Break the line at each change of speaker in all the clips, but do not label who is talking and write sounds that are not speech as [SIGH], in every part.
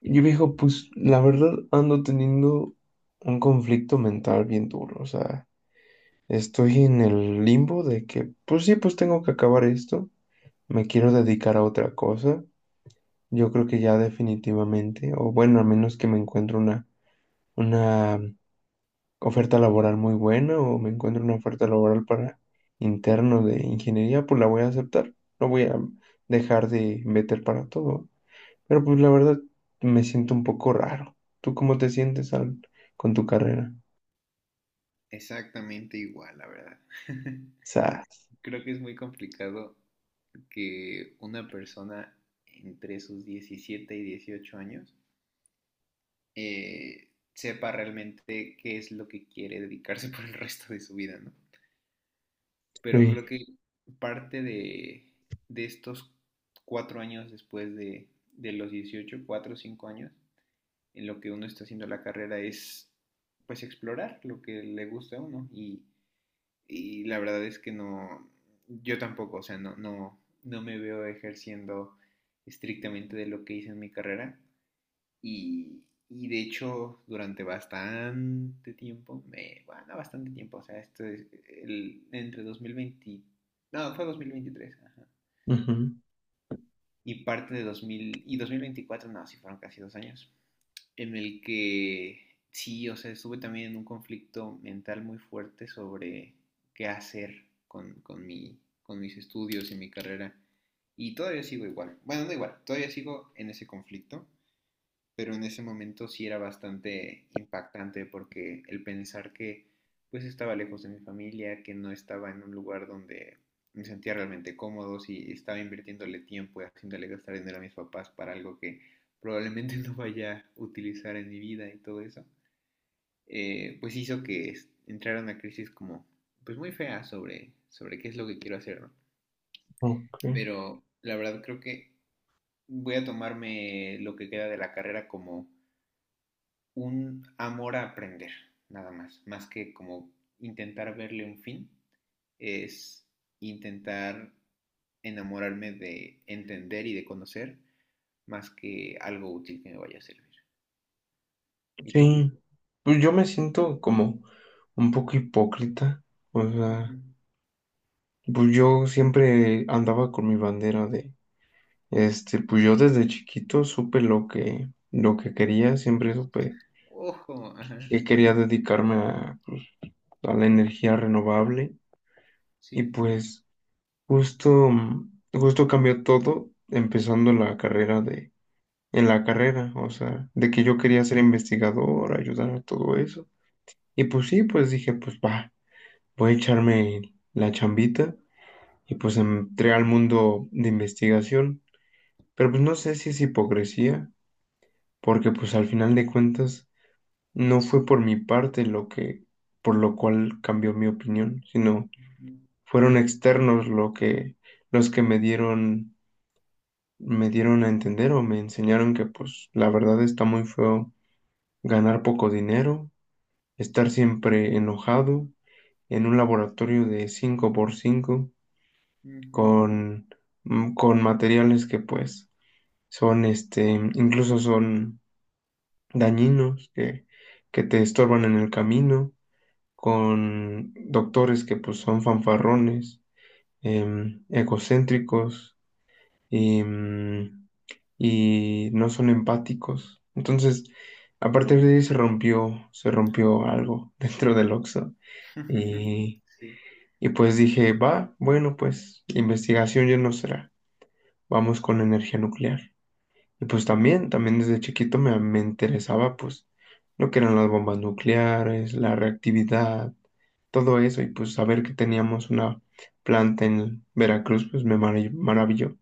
Y viejo, pues la verdad ando teniendo un conflicto mental bien duro. O sea, estoy en el limbo de que, pues sí, pues tengo que acabar esto, me quiero dedicar a otra cosa. Yo creo que ya definitivamente, o bueno, a menos que me encuentre una oferta laboral muy buena o me encuentre una oferta laboral para interno de ingeniería, pues la voy a aceptar, no voy a dejar de meter para todo. Pero pues la verdad me siento un poco raro. ¿Tú cómo te sientes con tu carrera?
Exactamente igual, la verdad. [LAUGHS]
Sas.
Creo que es muy complicado que una persona entre sus 17 y 18 años sepa realmente qué es lo que quiere dedicarse [LAUGHS] por el resto de su vida, ¿no? Pero creo
Sí.
que parte de estos 4 años después de los 18, 4 o 5 años, en lo que uno está haciendo la carrera es pues explorar lo que le gusta a uno y la verdad es que no, yo tampoco, o sea, no, no, no me veo ejerciendo estrictamente de lo que hice en mi carrera. Y, y de hecho, durante bastante tiempo, bueno, bastante tiempo, o sea, esto es entre 2020, no, fue 2023, ajá.
Ujú.
Y parte de 2000 y 2024, no, sí fueron casi 2 años en el que sí, o sea, estuve también en un conflicto mental muy fuerte sobre qué hacer con mis estudios y mi carrera. Y todavía sigo igual. Bueno, no igual, todavía sigo en ese conflicto, pero en ese momento sí era bastante impactante porque el pensar que pues estaba lejos de mi familia, que no estaba en un lugar donde me sentía realmente cómodo, si estaba invirtiéndole tiempo y haciéndole gastar dinero a mis papás para algo que probablemente [LAUGHS] no vaya a utilizar en mi vida y todo eso, pues hizo que entrara una crisis como pues muy fea sobre qué es lo que quiero hacer, ¿no?
Ok.
Pero la verdad creo que voy a tomarme lo que queda de la carrera como un amor a aprender, nada más, más que como intentar verle un fin, es intentar enamorarme de entender y de conocer más que algo útil que me vaya a servir. ¿Y tú?
Sí. Pues yo me siento como un poco hipócrita. O sea,
Ujú.
pues yo siempre andaba con mi bandera de, pues yo desde chiquito supe lo que quería, siempre supe
Ojo, ajá,
que quería dedicarme a la energía renovable. Y
sí.
pues justo, justo cambió todo empezando en la carrera. O sea, de que yo quería ser investigador, ayudar a todo eso. Y pues sí, pues dije, pues va, voy a echarme la chambita y pues entré al mundo de investigación. Pero pues no sé si es hipocresía, porque pues al final de cuentas no fue por mi parte por lo cual cambió mi opinión, sino
Ujú,
fueron externos los que me dieron a entender o me enseñaron que pues la verdad está muy feo ganar poco dinero, estar siempre enojado en un laboratorio de cinco por cinco
ujú.
con, con materiales que pues son incluso son dañinos, que te estorban en el camino, con doctores que pues son fanfarrones, egocéntricos, em, y no son empáticos. Entonces, a partir de ahí se rompió algo [LAUGHS] dentro del Oxxo.
[LAUGHS]
Y,
Sí,
y pues dije, va, bueno, pues investigación ya no será. Vamos con la energía nuclear. Y pues también,
ujú,
también desde chiquito me interesaba pues lo que eran las bombas nucleares, la reactividad, todo eso. Y pues saber que teníamos una planta en Veracruz, pues me maravilló.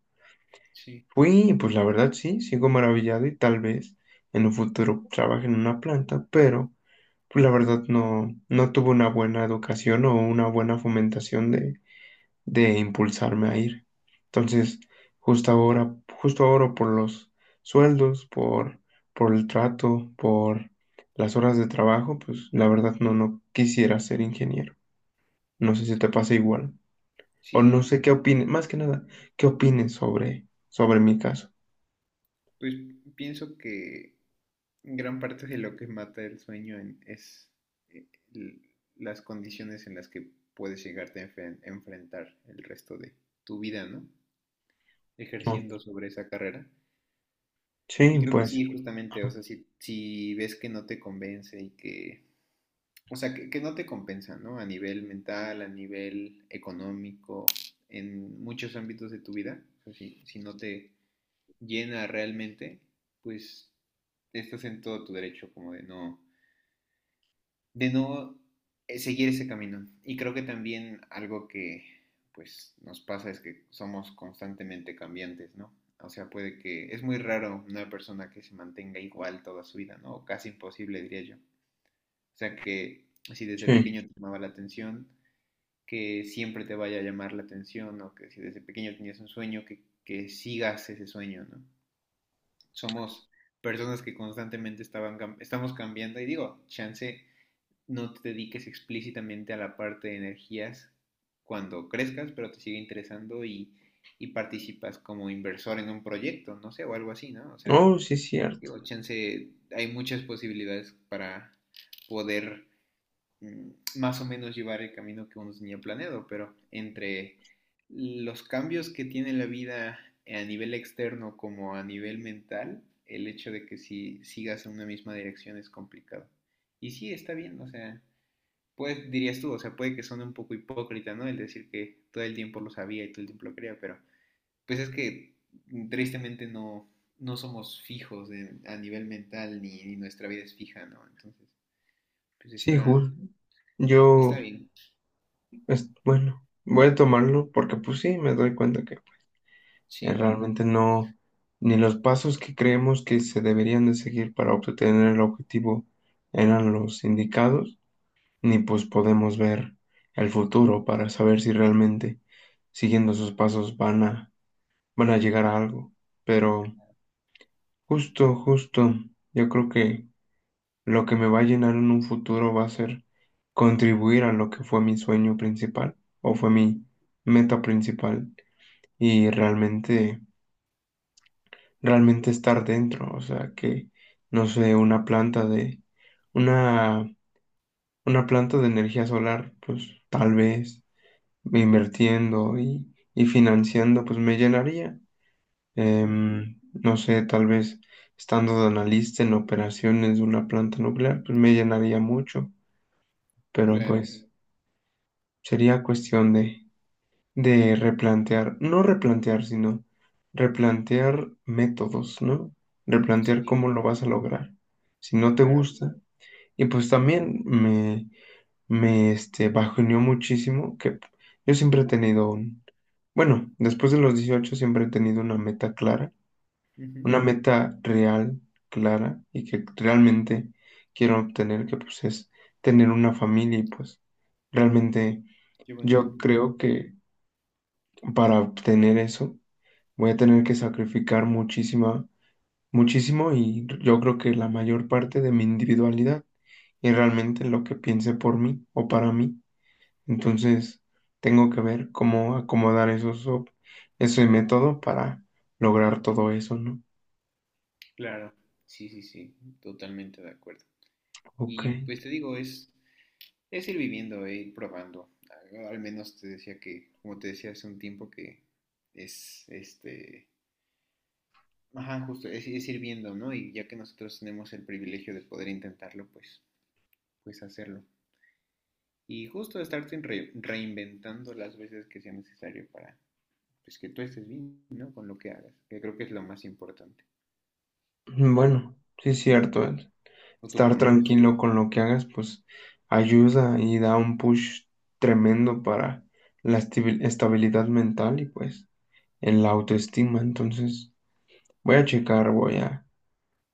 sí,
Fui, pues la verdad sí, sigo maravillado y tal vez en un futuro trabaje en una planta, pero pues la verdad no, no tuve una buena educación o una buena fomentación de impulsarme a ir. Entonces, justo ahora, justo ahora por los sueldos, por el trato, por las horas de trabajo, pues la verdad no, no quisiera ser ingeniero. No sé si te pasa
sí,
igual. O no sé
sí.
qué opines, más que nada, qué opines sobre, sobre mi caso.
Pues pienso que gran parte de lo que mata el sueño es eh, l- las condiciones en las que puedes llegarte a enfrentar el resto de tu vida, ¿no?
Ok.
Ejerciendo sobre esa carrera.
Sí,
Y creo que
pues,
sí, justamente, o
ajá,
sea, si ves que no te convence y que, o sea, que no te compensa, ¿no? A nivel mental, a nivel económico, en muchos ámbitos de tu vida, o sea, si no te llena realmente, pues estás en todo tu derecho como de no de no seguir ese camino. Y creo que también algo que pues nos pasa es que somos constantemente cambiantes, ¿no? O sea, puede que es muy raro una persona que se mantenga igual toda su vida, ¿no? O casi imposible, diría yo. O sea, que si desde pequeño
sí.
te llamaba la atención, que siempre te vaya a llamar la atención, o que si desde pequeño tenías un sueño, que sigas ese sueño, ¿no? Somos personas que constantemente estamos cambiando, y digo, chance no te dediques explícitamente a la parte de energías cuando crezcas, pero te sigue interesando y participas como inversor en un proyecto, no sé, o algo así, ¿no? O sea,
Oh, sí, es cierto.
digo, chance, hay muchas posibilidades para poder más o menos llevar el camino que uno tenía planeado, pero entre los cambios que tiene la vida a nivel externo como a nivel mental, el hecho de que si sigas en una misma dirección es complicado. Y sí, está bien, o sea, pues dirías tú, o sea, puede que suene un poco hipócrita, ¿no? El decir que todo el tiempo lo sabía y todo el tiempo lo quería, pero pues es que tristemente no somos fijos de, a nivel mental, ni, nuestra vida es fija, ¿no? Entonces, pues
Sí,
está,
Jul.
está
Yo,
bien,
es, bueno, voy a tomarlo porque pues sí, me doy cuenta que
sí.
realmente no, ni los pasos que creemos que se deberían de seguir para obtener el objetivo eran los indicados, ni pues podemos ver el futuro para saber si realmente siguiendo esos pasos van a, van a llegar a algo. Pero justo, justo, yo creo que... Lo que me va a llenar en un futuro va a ser contribuir a lo que fue mi sueño principal o fue mi meta principal y realmente, realmente estar dentro. O sea, que, no sé, una, una planta de energía solar, pues tal vez invirtiendo y financiando, pues me llenaría.
Ujú.
No sé, tal vez estando de analista en operaciones de una planta nuclear, pues me llenaría mucho, pero
Claro,
pues... Sería cuestión de replantear, no replantear, sino replantear métodos, ¿no? Replantear
sí,
cómo lo vas a
justamente,
lograr. Si no te
claro.
gusta. Y pues también me bajoneó muchísimo que yo siempre he tenido un, bueno, después de los 18 siempre he tenido una meta clara,
Ujú.
una meta real, clara, y que realmente quiero obtener, que pues es tener una familia y pues realmente
Qué
yo
bonito.
creo que para obtener eso, voy a tener que sacrificar muchísima, muchísimo y yo creo que la mayor parte de mi individualidad y realmente lo que piense por mí o para mí. Entonces, tengo que ver cómo acomodar ese método para lograr todo eso, ¿no?
Claro, sí, sí, sí, totalmente de acuerdo.
Ok.
Y pues te digo, es ir viviendo e ir probando. Al menos te decía que, como te decía hace un tiempo, que es este. Ajá, justo, es ir viendo, ¿no? Y ya que nosotros tenemos el privilegio de poder intentarlo, pues hacerlo. Y justo estarte reinventando las veces que sea necesario para, pues, que tú estés bien, ¿no? Con lo que hagas, que creo que es lo más importante.
Bueno, sí es cierto. El
¿O tú
Estar
cómo lo ves?
tranquilo con lo que hagas, pues ayuda y da un push tremendo para la estabilidad mental y pues en la autoestima. Entonces, voy a checar, voy a,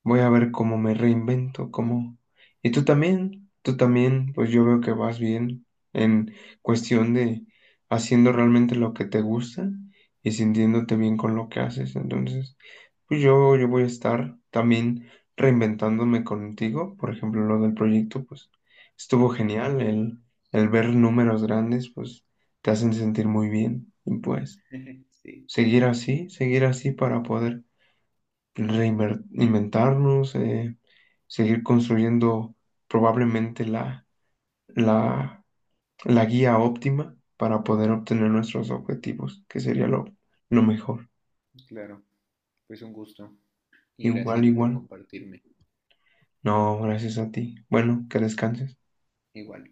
voy a ver cómo me reinvento, cómo... Y tú también, pues yo veo que vas bien en cuestión de haciendo realmente lo que te gusta y sintiéndote bien con lo que haces. Entonces, pues yo voy a estar también reinventándome contigo. Por ejemplo, lo del proyecto, pues estuvo
Ujú.
genial. El ver números grandes, pues te hacen sentir muy bien. Y pues
[LAUGHS] Sí,
seguir así para poder reinventarnos, seguir construyendo probablemente la, la, la guía óptima para poder obtener nuestros objetivos, que sería lo mejor.
claro. Pues un gusto, y
Igual,
gracias por
igual.
compartirme.
No, gracias a ti. Bueno, que descanses.
Igual.